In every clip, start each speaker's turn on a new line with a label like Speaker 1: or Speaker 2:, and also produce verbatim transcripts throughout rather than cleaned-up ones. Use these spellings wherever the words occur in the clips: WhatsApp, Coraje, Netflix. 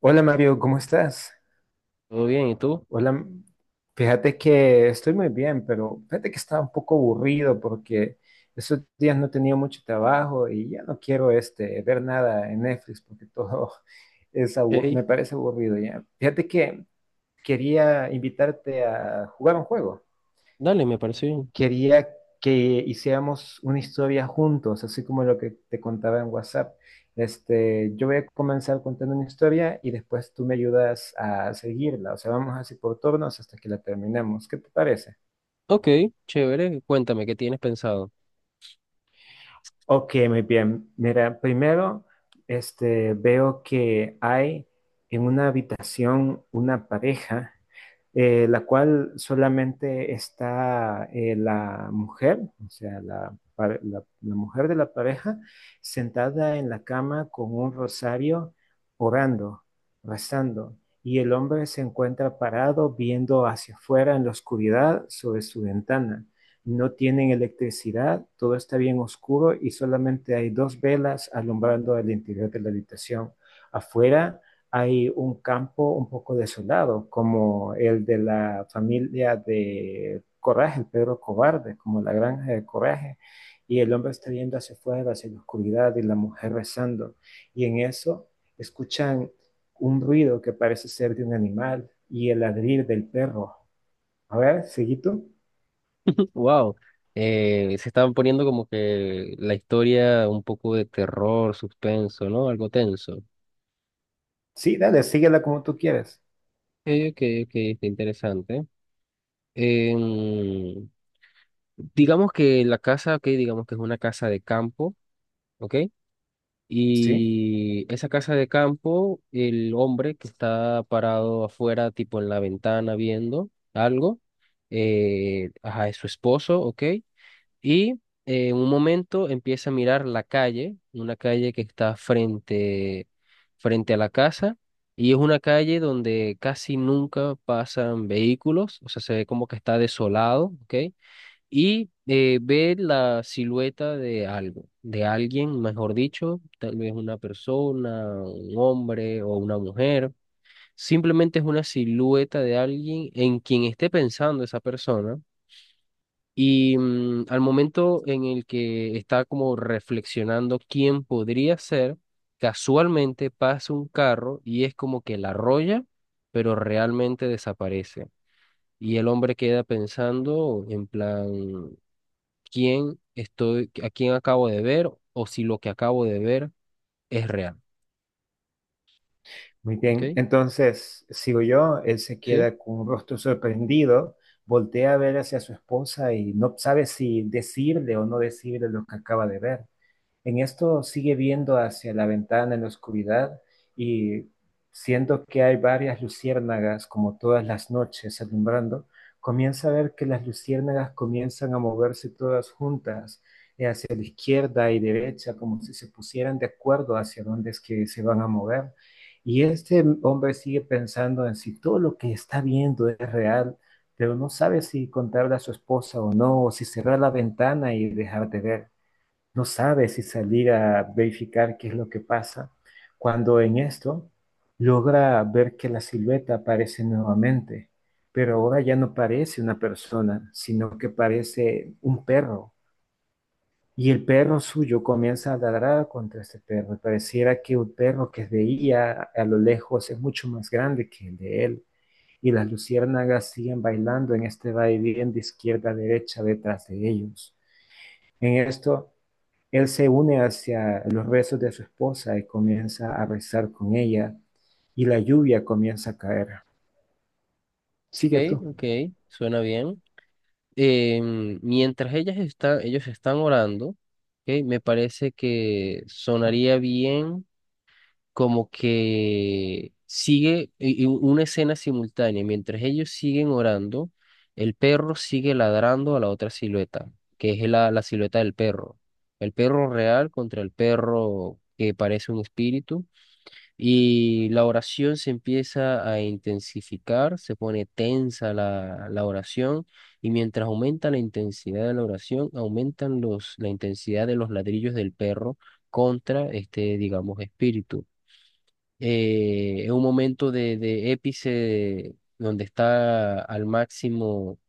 Speaker 1: Hola Mario, ¿cómo estás?
Speaker 2: Todo bien, ¿y tú?
Speaker 1: Hola, m- fíjate que estoy muy bien, pero fíjate que estaba un poco aburrido porque esos días no tenía mucho trabajo y ya no quiero este, ver nada en Netflix porque todo es abu-
Speaker 2: Hey,
Speaker 1: me parece aburrido ya. Fíjate que quería invitarte a jugar un juego,
Speaker 2: dale, me parece bien.
Speaker 1: quería que hiciéramos una historia juntos, así como lo que te contaba en WhatsApp. Este, yo voy a comenzar contando una historia y después tú me ayudas a seguirla. O sea, vamos así por turnos hasta que la terminemos. ¿Qué te parece?
Speaker 2: Ok, chévere, cuéntame, ¿qué tienes pensado?
Speaker 1: Ok, muy bien. Mira, primero, este, veo que hay en una habitación una pareja, eh, la cual solamente está eh, la mujer, o sea, la, pa- la- la mujer de la pareja, sentada en la cama con un rosario, orando, rezando, y el hombre se encuentra parado viendo hacia afuera en la oscuridad sobre su ventana. No tienen electricidad, todo está bien oscuro y solamente hay dos velas alumbrando el interior de la habitación. Afuera hay un campo un poco desolado, como el de la familia de Coraje, el perro Cobarde, como la granja de Coraje, y el hombre está viendo hacia afuera, hacia la oscuridad, y la mujer rezando. Y en eso escuchan un ruido que parece ser de un animal y el ladrir del perro. A ver, seguí tú.
Speaker 2: Wow, eh, se están poniendo como que la historia un poco de terror, suspenso, ¿no? Algo tenso. Ok,
Speaker 1: Sí, dale, síguela como tú quieres.
Speaker 2: ok, ok, está interesante. Em, digamos que la casa, ok, digamos que es una casa de campo, ¿ok?
Speaker 1: Sí,
Speaker 2: Y esa casa de campo, el hombre que está parado afuera, tipo en la ventana viendo algo, eh, ajá, es su esposo, ¿ok? Y eh, en un momento empieza a mirar la calle, una calle que está frente, frente a la casa, y es una calle donde casi nunca pasan vehículos, o sea, se ve como que está desolado, ¿ok? Y eh, ver la silueta de algo, de alguien, mejor dicho, tal vez una persona, un hombre o una mujer. Simplemente es una silueta de alguien en quien esté pensando esa persona. Y mm, al momento en el que está como reflexionando quién podría ser, casualmente pasa un carro y es como que la arrolla, pero realmente desaparece. Y el hombre queda pensando en plan, quién estoy, a quién acabo de ver o si lo que acabo de ver es real.
Speaker 1: muy
Speaker 2: ¿Ok?
Speaker 1: bien. Entonces, sigo yo. Él se
Speaker 2: Sí.
Speaker 1: queda con un rostro sorprendido, voltea a ver hacia su esposa y no sabe si decirle o no decirle lo que acaba de ver. En esto sigue viendo hacia la ventana en la oscuridad y, siendo que hay varias luciérnagas como todas las noches alumbrando, comienza a ver que las luciérnagas comienzan a moverse todas juntas, eh, hacia la izquierda y derecha, como si se pusieran de acuerdo hacia dónde es que se van a mover. Y este hombre sigue pensando en si todo lo que está viendo es real, pero no sabe si contarle a su esposa o no, o si cerrar la ventana y dejar de ver. No sabe si salir a verificar qué es lo que pasa, cuando en esto logra ver que la silueta aparece nuevamente, pero ahora ya no parece una persona, sino que parece un perro. Y el perro suyo comienza a ladrar contra este perro. Y pareciera que un perro que veía a lo lejos es mucho más grande que el de él. Y las luciérnagas siguen bailando en este vaivén de izquierda a derecha detrás de ellos. En esto, él se une hacia los rezos de su esposa y comienza a rezar con ella, y la lluvia comienza a caer. Sigue
Speaker 2: Ok,
Speaker 1: tú.
Speaker 2: ok, suena bien. Em, mientras ellas están, ellos están orando, ok, me parece que sonaría bien como que sigue y- y una escena simultánea. Mientras ellos siguen orando, el perro sigue ladrando a la otra silueta, que es la, la silueta del perro. El perro real contra el perro que parece un espíritu. Y la oración se empieza a intensificar, se pone tensa la, la oración y mientras aumenta la intensidad de la oración, aumentan los, la intensidad de los ladrillos del perro contra este, digamos, espíritu. Eh, es un momento de, de épice donde está al máximo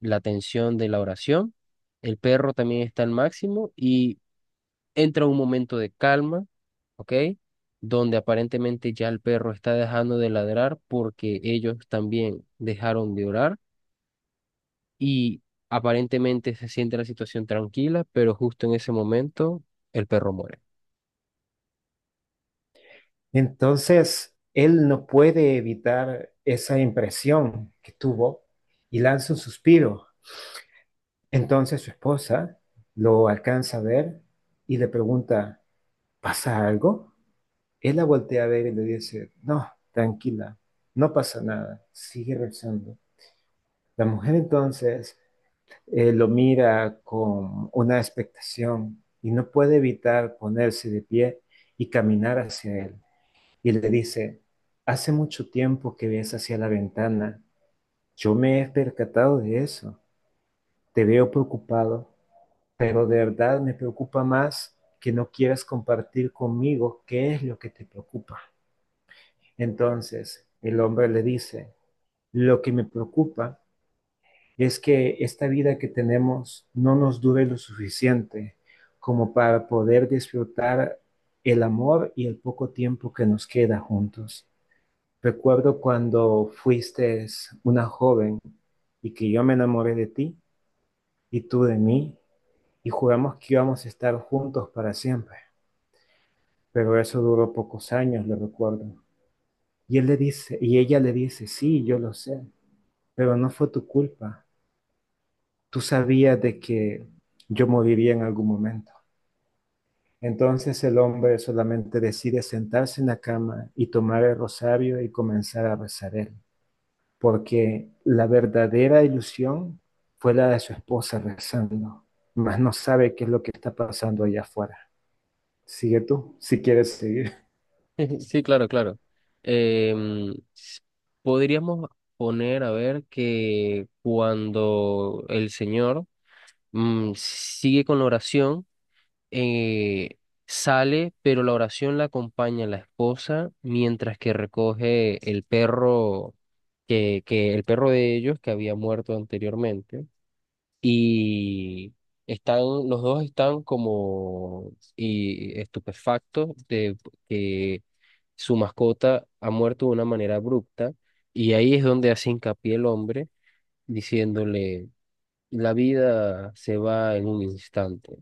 Speaker 2: la tensión de la oración. El perro también está al máximo entra un momento de calma, ¿ok? Donde aparentemente ya el perro está dejando de ladrar porque ellos también dejaron de orar y aparentemente se siente la situación tranquila, pero justo en ese momento el perro muere.
Speaker 1: Entonces, él no puede evitar esa impresión que tuvo y lanza un suspiro. Entonces su esposa lo alcanza a ver y le pregunta, ¿pasa algo? Él la voltea a ver y le dice, no, tranquila, no pasa nada, sigue rezando. La mujer entonces eh, lo mira con una expectación y no puede evitar ponerse de pie y caminar hacia él. Y le dice, hace mucho tiempo que ves hacia la ventana, yo me he percatado de eso, te veo preocupado, pero de verdad me preocupa más que no quieras compartir conmigo qué es lo que te preocupa. Entonces el hombre le dice, lo que me preocupa es que esta vida que tenemos no nos dure lo suficiente como para poder disfrutar el amor y el poco tiempo que nos queda juntos. Recuerdo cuando fuiste una joven y que yo me enamoré de ti y tú de mí y juramos que íbamos a estar juntos para siempre, pero eso duró pocos años, lo recuerdo. Y él le dice, y ella le dice, "Sí, yo lo sé, pero no fue tu culpa. Tú sabías de que yo moriría en algún momento." Entonces el hombre solamente decide sentarse en la cama y tomar el rosario y comenzar a rezar él, porque la verdadera ilusión fue la de su esposa rezando, mas no sabe qué es lo que está pasando allá afuera. Sigue tú, si quieres seguir.
Speaker 2: Sí, claro, claro. Em, s- Podríamos poner a ver que cuando el Señor mm, sigue con la oración, eh, sale, pero la oración la acompaña la esposa mientras que recoge el perro que, que el perro de ellos que había muerto anteriormente y están los dos están como y estupefactos de que su mascota ha muerto de una manera abrupta y ahí es donde hace hincapié el hombre diciéndole: la vida se va en un instante,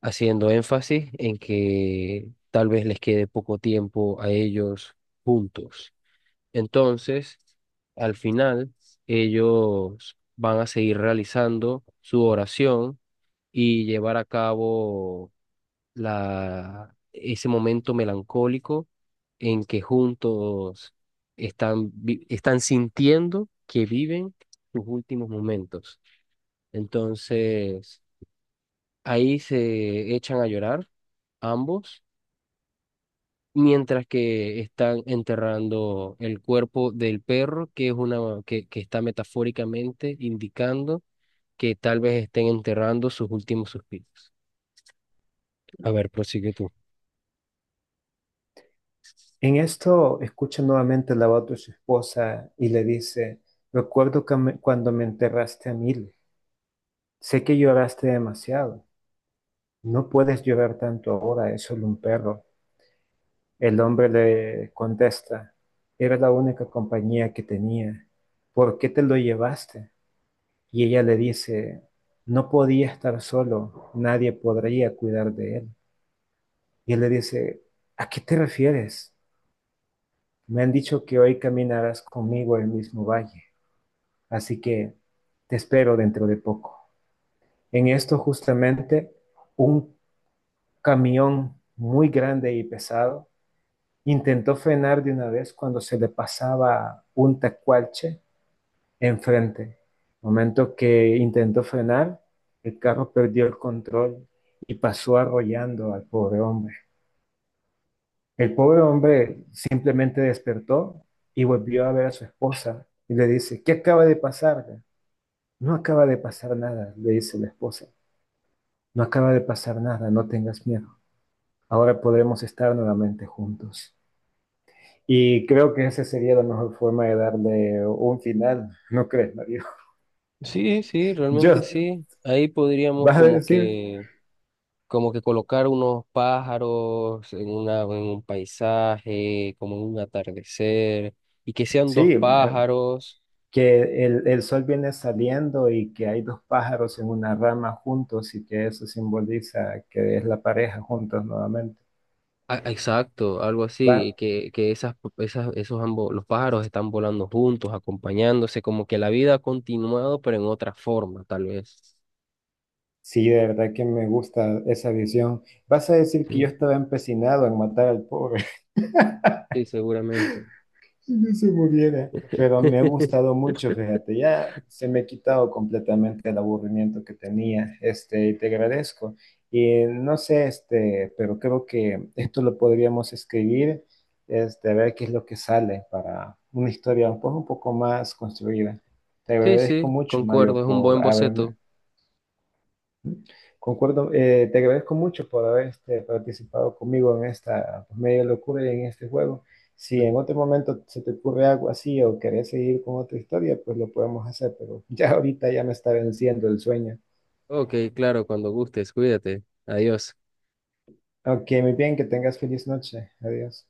Speaker 2: haciendo énfasis en que tal vez les quede poco tiempo a ellos juntos. Entonces, al final, ellos van a seguir realizando su oración y llevar a cabo la, ese momento melancólico en que juntos están, vi- están sintiendo que viven sus últimos momentos. Entonces, ahí se echan a llorar ambos mientras que están enterrando el cuerpo del perro, que es una que, que está metafóricamente indicando que tal vez estén enterrando sus últimos suspiros. A ver, prosigue tú.
Speaker 1: En esto escucha nuevamente la voz de su esposa y le dice, recuerdo que me- cuando me enterraste a mil, sé que lloraste demasiado. No puedes llorar tanto ahora, es solo un perro. El hombre le contesta, era la única compañía que tenía. ¿Por qué te lo llevaste? Y ella le dice, no podía estar solo, nadie podría cuidar de él. Y él le dice, ¿a qué te refieres? Me han dicho que hoy caminarás conmigo el mismo valle, así que te espero dentro de poco. En esto justamente un camión muy grande y pesado intentó frenar de una vez cuando se le pasaba un tacualche enfrente. Momento que intentó frenar, el carro perdió el control y pasó arrollando al pobre hombre. El pobre hombre simplemente despertó y volvió a ver a su esposa y le dice, ¿qué acaba de pasar? No acaba de pasar nada, le dice la esposa. No acaba de pasar nada, no tengas miedo. Ahora podremos estar nuevamente juntos. Y creo que esa sería la mejor forma de darle un final, ¿no crees, Mario?
Speaker 2: Sí, sí, realmente
Speaker 1: Just,
Speaker 2: sí. Ahí podríamos
Speaker 1: vas a
Speaker 2: como
Speaker 1: decir,
Speaker 2: que como que colocar unos pájaros en una en un paisaje, como en un atardecer y que sean
Speaker 1: sí,
Speaker 2: dos
Speaker 1: eh,
Speaker 2: pájaros.
Speaker 1: que el, el sol viene saliendo y que hay dos pájaros en una rama juntos y que eso simboliza que es la pareja juntos nuevamente.
Speaker 2: Ah, exacto, algo
Speaker 1: Va,
Speaker 2: así, que, que esas, esas, esos ambos, los pájaros están volando juntos, acompañándose, como que la vida ha continuado, pero en otra forma, tal vez.
Speaker 1: sí, de verdad que me gusta esa visión. Vas a decir que yo
Speaker 2: Sí,
Speaker 1: estaba empecinado en matar al pobre.
Speaker 2: sí, seguramente.
Speaker 1: Si se muriera. Pero me ha gustado mucho, fíjate, ya se me ha quitado completamente el aburrimiento que tenía, este, y te agradezco. Y no sé, este, pero creo que esto lo podríamos escribir, este, a ver qué es lo que sale para una historia un poco, un poco más construida. Te
Speaker 2: Sí, sí,
Speaker 1: agradezco mucho,
Speaker 2: concuerdo,
Speaker 1: Mario,
Speaker 2: es un buen
Speaker 1: por haberme.
Speaker 2: boceto.
Speaker 1: Concuerdo, eh, te agradezco mucho por haber este, participado conmigo en esta, pues, media locura y en este juego. Si en otro momento se te ocurre algo así o querés seguir con otra historia, pues lo podemos hacer, pero ya ahorita ya me está venciendo el sueño.
Speaker 2: Ok, claro, cuando gustes, cuídate. Adiós.
Speaker 1: Ok, muy bien, que tengas feliz noche. Adiós.